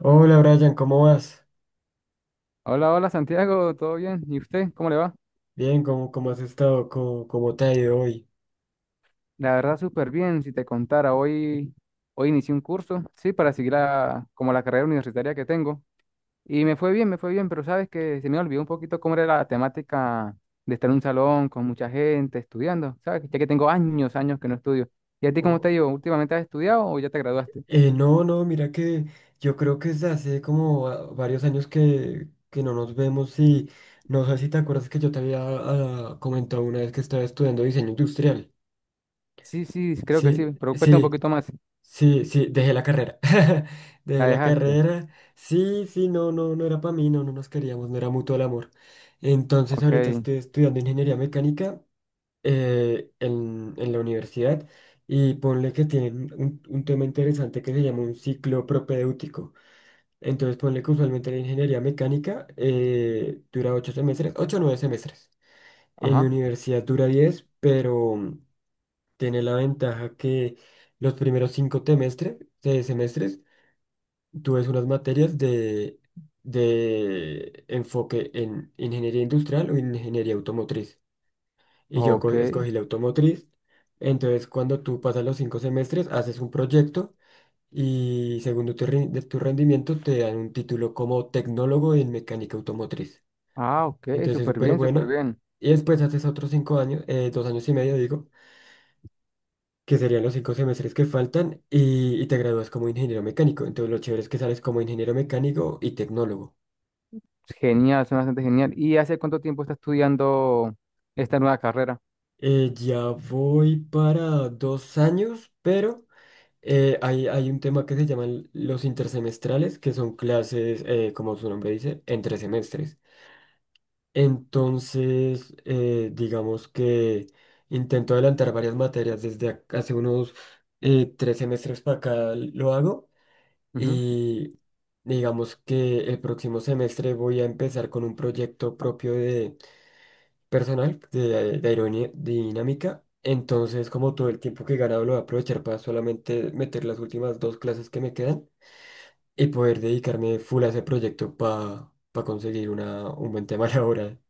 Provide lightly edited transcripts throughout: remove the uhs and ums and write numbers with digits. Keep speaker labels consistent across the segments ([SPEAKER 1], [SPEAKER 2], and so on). [SPEAKER 1] Hola Brian, ¿cómo vas?
[SPEAKER 2] Hola, hola Santiago, ¿todo bien? ¿Y usted? ¿Cómo le va?
[SPEAKER 1] Bien, ¿¿cómo has estado? ¿¿Cómo te ha ido hoy?
[SPEAKER 2] La verdad, súper bien. Si te contara, hoy inicié un curso, sí, para seguir como la carrera universitaria que tengo. Y me fue bien, pero sabes que se me olvidó un poquito cómo era la temática de estar en un salón con mucha gente estudiando, ¿sabes? Ya que tengo años, años que no estudio. ¿Y a ti cómo te
[SPEAKER 1] Oh,
[SPEAKER 2] ha ido? ¿Últimamente has estudiado o ya te graduaste?
[SPEAKER 1] no, no, mira que yo creo que es hace como varios años que no nos vemos y no sé si te acuerdas que yo te había comentado una vez que estaba estudiando diseño industrial.
[SPEAKER 2] Sí, sí, creo que sí,
[SPEAKER 1] Sí,
[SPEAKER 2] pero cuesta un
[SPEAKER 1] sí,
[SPEAKER 2] poquito más.
[SPEAKER 1] sí, sí, dejé la carrera. Dejé
[SPEAKER 2] ¿La
[SPEAKER 1] la
[SPEAKER 2] dejaste?
[SPEAKER 1] carrera. Sí, sí, no, no, no era para mí, no, no nos queríamos, no era mutuo el amor. Entonces
[SPEAKER 2] Ok,
[SPEAKER 1] ahorita estoy estudiando ingeniería mecánica en la universidad y ponle que tienen un tema interesante que se llama un ciclo propedéutico. Entonces ponle que usualmente la ingeniería mecánica dura ocho semestres, ocho o nueve semestres. En mi
[SPEAKER 2] ajá,
[SPEAKER 1] universidad dura 10 pero tiene la ventaja que los primeros cinco semestres, tú ves unas materias de enfoque en ingeniería industrial o ingeniería automotriz y yo
[SPEAKER 2] ok.
[SPEAKER 1] escogí la automotriz. Entonces, cuando tú pasas los cinco semestres, haces un proyecto y según tu, de tu rendimiento te dan un título como tecnólogo en mecánica automotriz.
[SPEAKER 2] Ah, ok,
[SPEAKER 1] Entonces, es
[SPEAKER 2] súper
[SPEAKER 1] súper
[SPEAKER 2] bien, súper
[SPEAKER 1] bueno.
[SPEAKER 2] bien.
[SPEAKER 1] Y después haces otros cinco años, dos años y medio, digo, que serían los cinco semestres que faltan y te gradúas como ingeniero mecánico. Entonces, lo chévere es que sales como ingeniero mecánico y tecnólogo.
[SPEAKER 2] Genial, suena bastante genial. ¿Y hace cuánto tiempo está estudiando esta nueva carrera?
[SPEAKER 1] Ya voy para dos años, pero... hay, hay un tema que se llaman los intersemestrales, que son clases, como su nombre dice, entre semestres. Entonces, digamos que intento adelantar varias materias desde hace unos tres semestres para acá lo hago
[SPEAKER 2] Ujú.
[SPEAKER 1] y digamos que el próximo semestre voy a empezar con un proyecto propio de personal de aerodinámica. Entonces, como todo el tiempo que gana lo voy a aprovechar para solamente meter las últimas dos clases que me quedan y poder dedicarme full a ese proyecto para conseguir una, un buen tema laboral.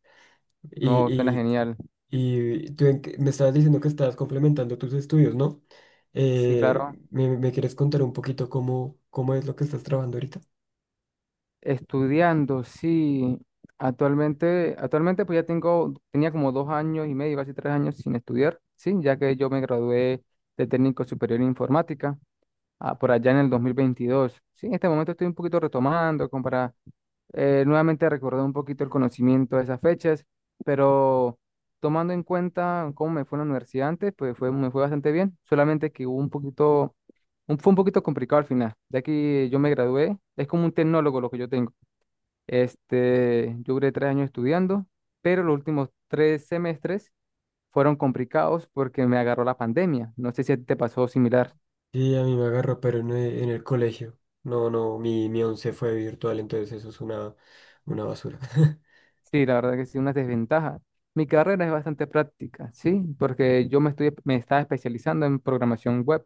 [SPEAKER 2] No, suena
[SPEAKER 1] Y, y,
[SPEAKER 2] genial.
[SPEAKER 1] y tú en me estabas diciendo que estabas complementando tus estudios, ¿no?
[SPEAKER 2] Sí, claro.
[SPEAKER 1] Eh, ¿Me, me quieres contar un poquito cómo, cómo es lo que estás trabajando ahorita?
[SPEAKER 2] Estudiando, sí. Actualmente, actualmente pues ya tengo, tenía como dos años y medio, casi tres años sin estudiar, sí, ya que yo me gradué de técnico superior en informática por allá en el 2022. Sí, en este momento estoy un poquito retomando como para nuevamente recordé un poquito el conocimiento de esas fechas, pero tomando en cuenta cómo me fue en la universidad antes, pues fue, me fue bastante bien, solamente que hubo un poquito, fue un poquito complicado al final, ya que yo me gradué, es como un tecnólogo lo que yo tengo. Este, yo duré tres años estudiando, pero los últimos tres semestres fueron complicados porque me agarró la pandemia. No sé si a ti te pasó similar.
[SPEAKER 1] Sí, a mí me agarró, pero en, en el colegio. No, no, mi once fue virtual, entonces eso es una basura.
[SPEAKER 2] Sí, la verdad que sí, una desventaja. Mi carrera es bastante práctica, ¿sí? Porque yo me estaba especializando en programación web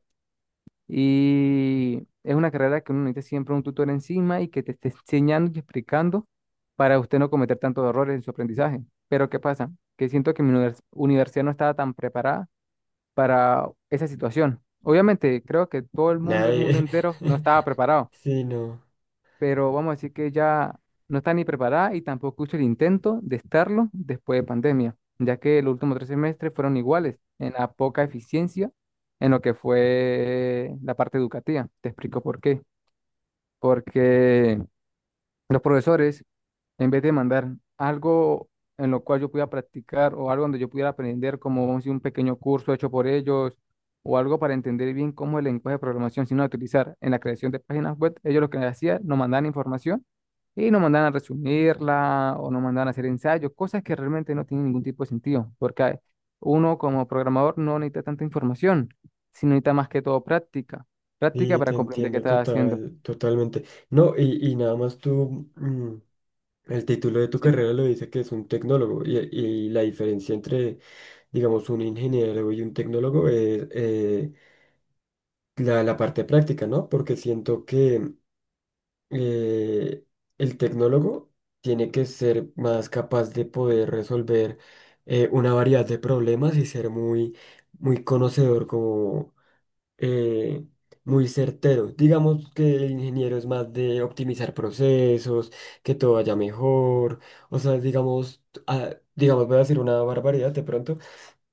[SPEAKER 2] y es una carrera que uno necesita siempre un tutor encima y que te esté enseñando y explicando para usted no cometer tantos errores en su aprendizaje. Pero ¿qué pasa? Que siento que mi universidad no estaba tan preparada para esa situación. Obviamente, creo que todo el mundo
[SPEAKER 1] Nadie.
[SPEAKER 2] entero, no estaba preparado,
[SPEAKER 1] Sí, no.
[SPEAKER 2] pero vamos a decir que ya no está ni preparada y tampoco hizo el intento de estarlo después de pandemia, ya que los últimos tres semestres fueron iguales en la poca eficiencia en lo que fue la parte educativa. Te explico por qué. Porque los profesores en vez de mandar algo en lo cual yo pudiera practicar o algo donde yo pudiera aprender, como vamos a decir, un pequeño curso hecho por ellos o algo para entender bien cómo el lenguaje de programación sino utilizar en la creación de páginas web, ellos lo que hacían, nos mandaban información y nos mandaban a resumirla o nos mandaban a hacer ensayos, cosas que realmente no tienen ningún tipo de sentido, porque uno como programador no necesita tanta información, sino necesita más que todo práctica, práctica
[SPEAKER 1] Sí,
[SPEAKER 2] para
[SPEAKER 1] te
[SPEAKER 2] comprender qué
[SPEAKER 1] entiendo
[SPEAKER 2] está haciendo.
[SPEAKER 1] total, totalmente. No, y nada más tú. El título de tu
[SPEAKER 2] Sí,
[SPEAKER 1] carrera lo dice que es un tecnólogo y la diferencia entre, digamos, un ingeniero y un tecnólogo es la, la parte práctica, ¿no? Porque siento que eh, el tecnólogo tiene que ser más capaz de poder resolver una variedad de problemas y ser muy, muy conocedor como eh, muy certero. Digamos que el ingeniero es más de optimizar procesos, que todo vaya mejor. O sea, digamos, digamos, voy a decir una barbaridad de pronto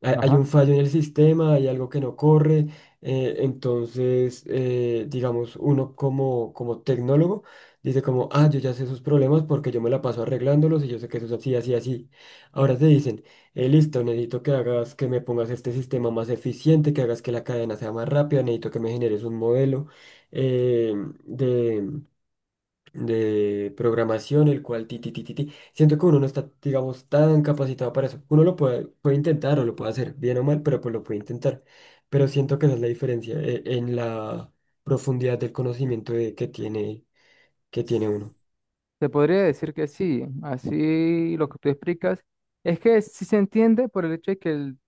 [SPEAKER 1] hay hay un
[SPEAKER 2] ajá.
[SPEAKER 1] fallo en el sistema, hay algo que no corre, entonces, digamos, uno como, como tecnólogo dice como, ah, yo ya sé esos problemas porque yo me la paso arreglándolos y yo sé que eso es así, así, así. Ahora te dicen, listo, necesito que hagas, que me pongas este sistema más eficiente, que hagas que la cadena sea más rápida, necesito que me generes un modelo eh, de programación, el cual ti, ti, ti, ti, ti. Siento que uno no está, digamos, tan capacitado para eso. Uno lo puede, puede intentar o lo puede hacer, bien o mal, pero pues lo puede intentar. Pero siento que esa es la diferencia en la profundidad del conocimiento que tiene uno.
[SPEAKER 2] Se podría decir que sí, así lo que tú explicas es que sí se entiende por el hecho de que el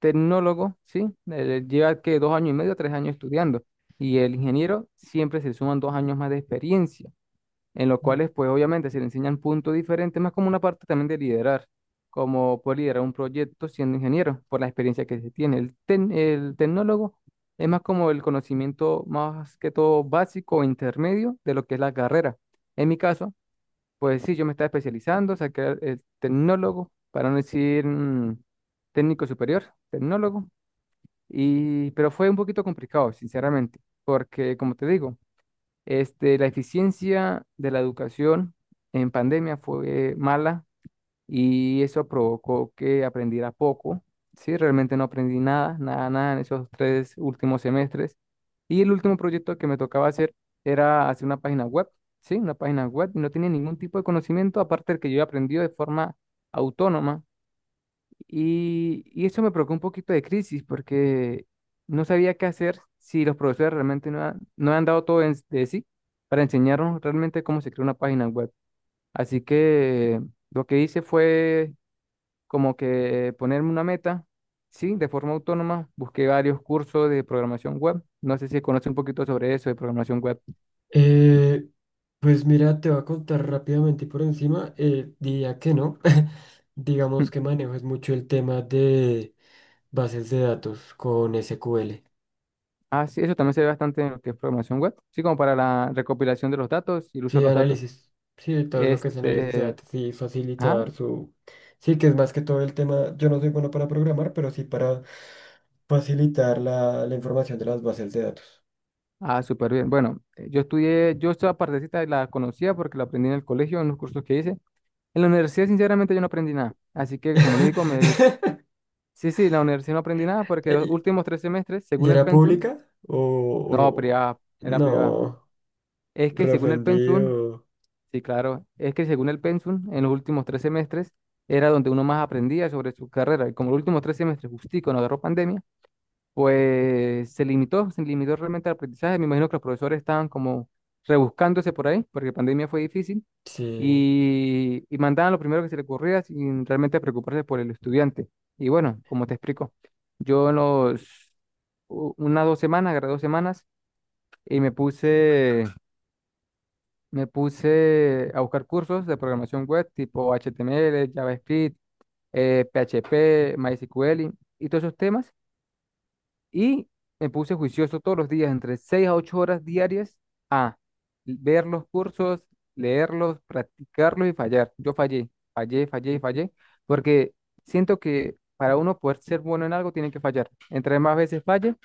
[SPEAKER 2] tecnólogo, sí, lleva que dos años y medio, tres años estudiando, y el ingeniero siempre se suman dos años más de experiencia, en los cuales pues obviamente se le enseñan puntos diferentes, más como una parte también de liderar, como poder liderar un proyecto siendo ingeniero, por la experiencia que se tiene. El, el tecnólogo es más como el conocimiento más que todo básico o intermedio de lo que es la carrera. En mi caso, pues sí, yo me estaba especializando, saqué el tecnólogo, para no decir técnico superior, tecnólogo, pero fue un poquito complicado, sinceramente, porque como te digo, este, la eficiencia de la educación en pandemia fue mala y eso provocó que aprendiera poco. Sí, realmente no aprendí nada, nada, nada en esos tres últimos semestres. Y el último proyecto que me tocaba hacer era hacer una página web, sí, una página web, y no tenía ningún tipo de conocimiento aparte del que yo había aprendido de forma autónoma. Y eso me provocó un poquito de crisis porque no sabía qué hacer si los profesores realmente no han dado todo de sí para enseñarnos realmente cómo se crea una página web. Así que lo que hice fue como que ponerme una meta, sí, de forma autónoma. Busqué varios cursos de programación web. No sé si conoce un poquito sobre eso de programación web.
[SPEAKER 1] Eh, pues mira, te voy a contar rápidamente y por encima, diría que no. Digamos que manejo es mucho el tema de bases de datos con SQL.
[SPEAKER 2] Ah, sí, eso también se ve bastante en lo que es programación web. Sí, como para la recopilación de los datos y el uso de
[SPEAKER 1] Sí,
[SPEAKER 2] los datos.
[SPEAKER 1] análisis. Sí, todo lo que es análisis de
[SPEAKER 2] Este,
[SPEAKER 1] datos y
[SPEAKER 2] ah,
[SPEAKER 1] facilitar su... Sí, que es más que todo el tema, yo no soy bueno para programar, pero sí para facilitar la, la información de las bases de datos.
[SPEAKER 2] súper bien. Bueno, yo estudié, yo esta partecita la conocía porque la aprendí en el colegio, en los cursos que hice. En la universidad, sinceramente, yo no aprendí nada. Así que, como les digo, me... sí, sí, en la universidad no aprendí nada porque los
[SPEAKER 1] ¿Y
[SPEAKER 2] últimos tres semestres,
[SPEAKER 1] y
[SPEAKER 2] según el
[SPEAKER 1] era
[SPEAKER 2] pensum,
[SPEAKER 1] pública? O,
[SPEAKER 2] no,
[SPEAKER 1] o-
[SPEAKER 2] privada, era privada.
[SPEAKER 1] no,
[SPEAKER 2] Es que según el pensum,
[SPEAKER 1] reofendido.
[SPEAKER 2] sí, claro, es que según el pensum, en los últimos tres semestres era donde uno más aprendía sobre su carrera. Y como los últimos tres semestres, justico, no agarró pandemia, pues se limitó realmente al aprendizaje. Me imagino que los profesores estaban como rebuscándose por ahí, porque pandemia fue difícil,
[SPEAKER 1] Sí.
[SPEAKER 2] y mandaban lo primero que se le ocurría sin realmente preocuparse por el estudiante. Y bueno, como te explico, yo en los, unas dos semanas, agarré dos semanas, y me puse a buscar cursos de programación web tipo HTML, JavaScript, PHP, MySQL y todos esos temas. Y me puse juicioso todos los días, entre 6 a 8 horas diarias, a ver los cursos, leerlos, practicarlos y fallar. Yo fallé, fallé, fallé y fallé, porque siento que para uno poder ser bueno en algo tiene que fallar. Entre más veces falle,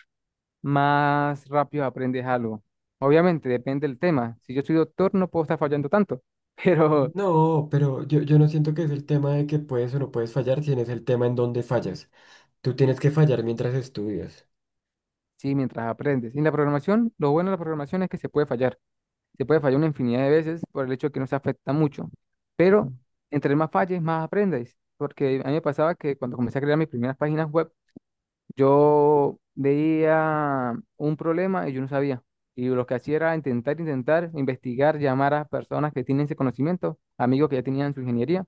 [SPEAKER 2] más rápido aprendes algo. Obviamente, depende del tema. Si yo soy doctor, no puedo estar fallando tanto, pero
[SPEAKER 1] No, pero yo no siento que es el tema de que puedes o no puedes fallar, sino es el tema en donde fallas. Tú tienes que fallar mientras estudias.
[SPEAKER 2] sí, mientras aprendes. Y en la programación, lo bueno de la programación es que se puede fallar. Se puede fallar una infinidad de veces por el hecho de que no se afecta mucho. Pero entre más falles, más aprendes. Porque a mí me pasaba que cuando comencé a crear mis primeras páginas web, yo veía un problema y yo no sabía. Y lo que hacía era intentar, intentar, investigar, llamar a personas que tienen ese conocimiento, amigos que ya tenían su ingeniería.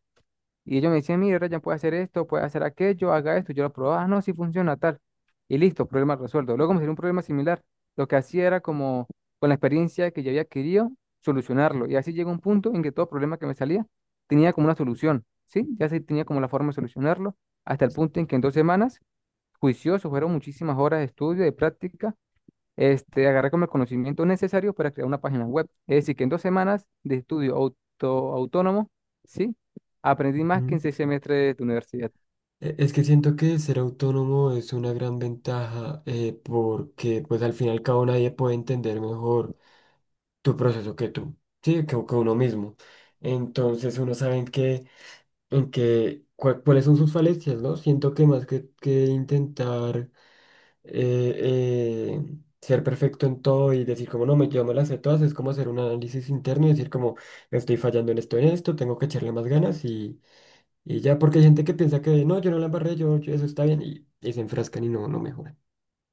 [SPEAKER 2] Y ellos me decían, mire, Ryan, puede hacer esto, puede hacer aquello, haga esto. Yo lo probaba, ah, no, si funciona tal. Y listo, problema resuelto. Luego me salió un problema similar. Lo que hacía era como, con la experiencia que yo había adquirido, solucionarlo. Y así llegó un punto en que todo problema que me salía tenía como una solución, ¿sí? Ya se tenía como la forma de solucionarlo, hasta el punto en que en dos semanas, juicioso, fueron muchísimas horas de estudio, de práctica, este, agarré como el conocimiento necesario para crear una página web. Es decir, que en dos semanas de estudio autónomo, ¿sí? Aprendí más que
[SPEAKER 1] Ujú.
[SPEAKER 2] en seis semestres de universidad.
[SPEAKER 1] Es que siento que ser autónomo es una gran ventaja porque pues al fin y al cabo nadie puede entender mejor tu proceso que tú, sí, que uno mismo. Entonces uno sabe en qué, cuáles son sus falencias, ¿no? Siento que más que intentar eh, ser perfecto en todo y decir como no, me, yo me las sé todas, es como hacer un análisis interno y decir como estoy fallando en esto, tengo que echarle más ganas y ya, porque hay gente que piensa que no, yo no la embarré, yo, eso está bien, y se enfrascan y no, no mejoran.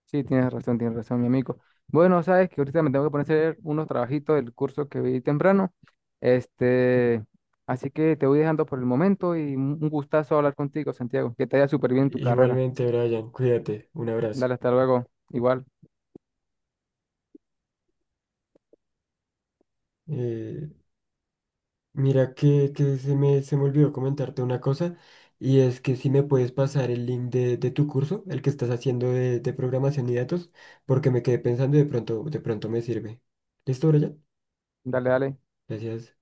[SPEAKER 2] Sí, tienes razón, mi amigo. Bueno, sabes que ahorita me tengo que poner a hacer unos trabajitos del curso que vi temprano. Este, así que te voy dejando por el momento y un gustazo hablar contigo, Santiago. Que te vaya súper bien en tu carrera.
[SPEAKER 1] Igualmente, Brian, cuídate, un abrazo.
[SPEAKER 2] Dale, hasta luego. Igual,
[SPEAKER 1] Eh, mira que se me olvidó comentarte una cosa, y es que si me puedes pasar el link de tu curso, el que estás haciendo de programación y datos, porque me quedé pensando y de pronto me sirve. ¿Listo, Brian?
[SPEAKER 2] dale, dale.
[SPEAKER 1] Gracias.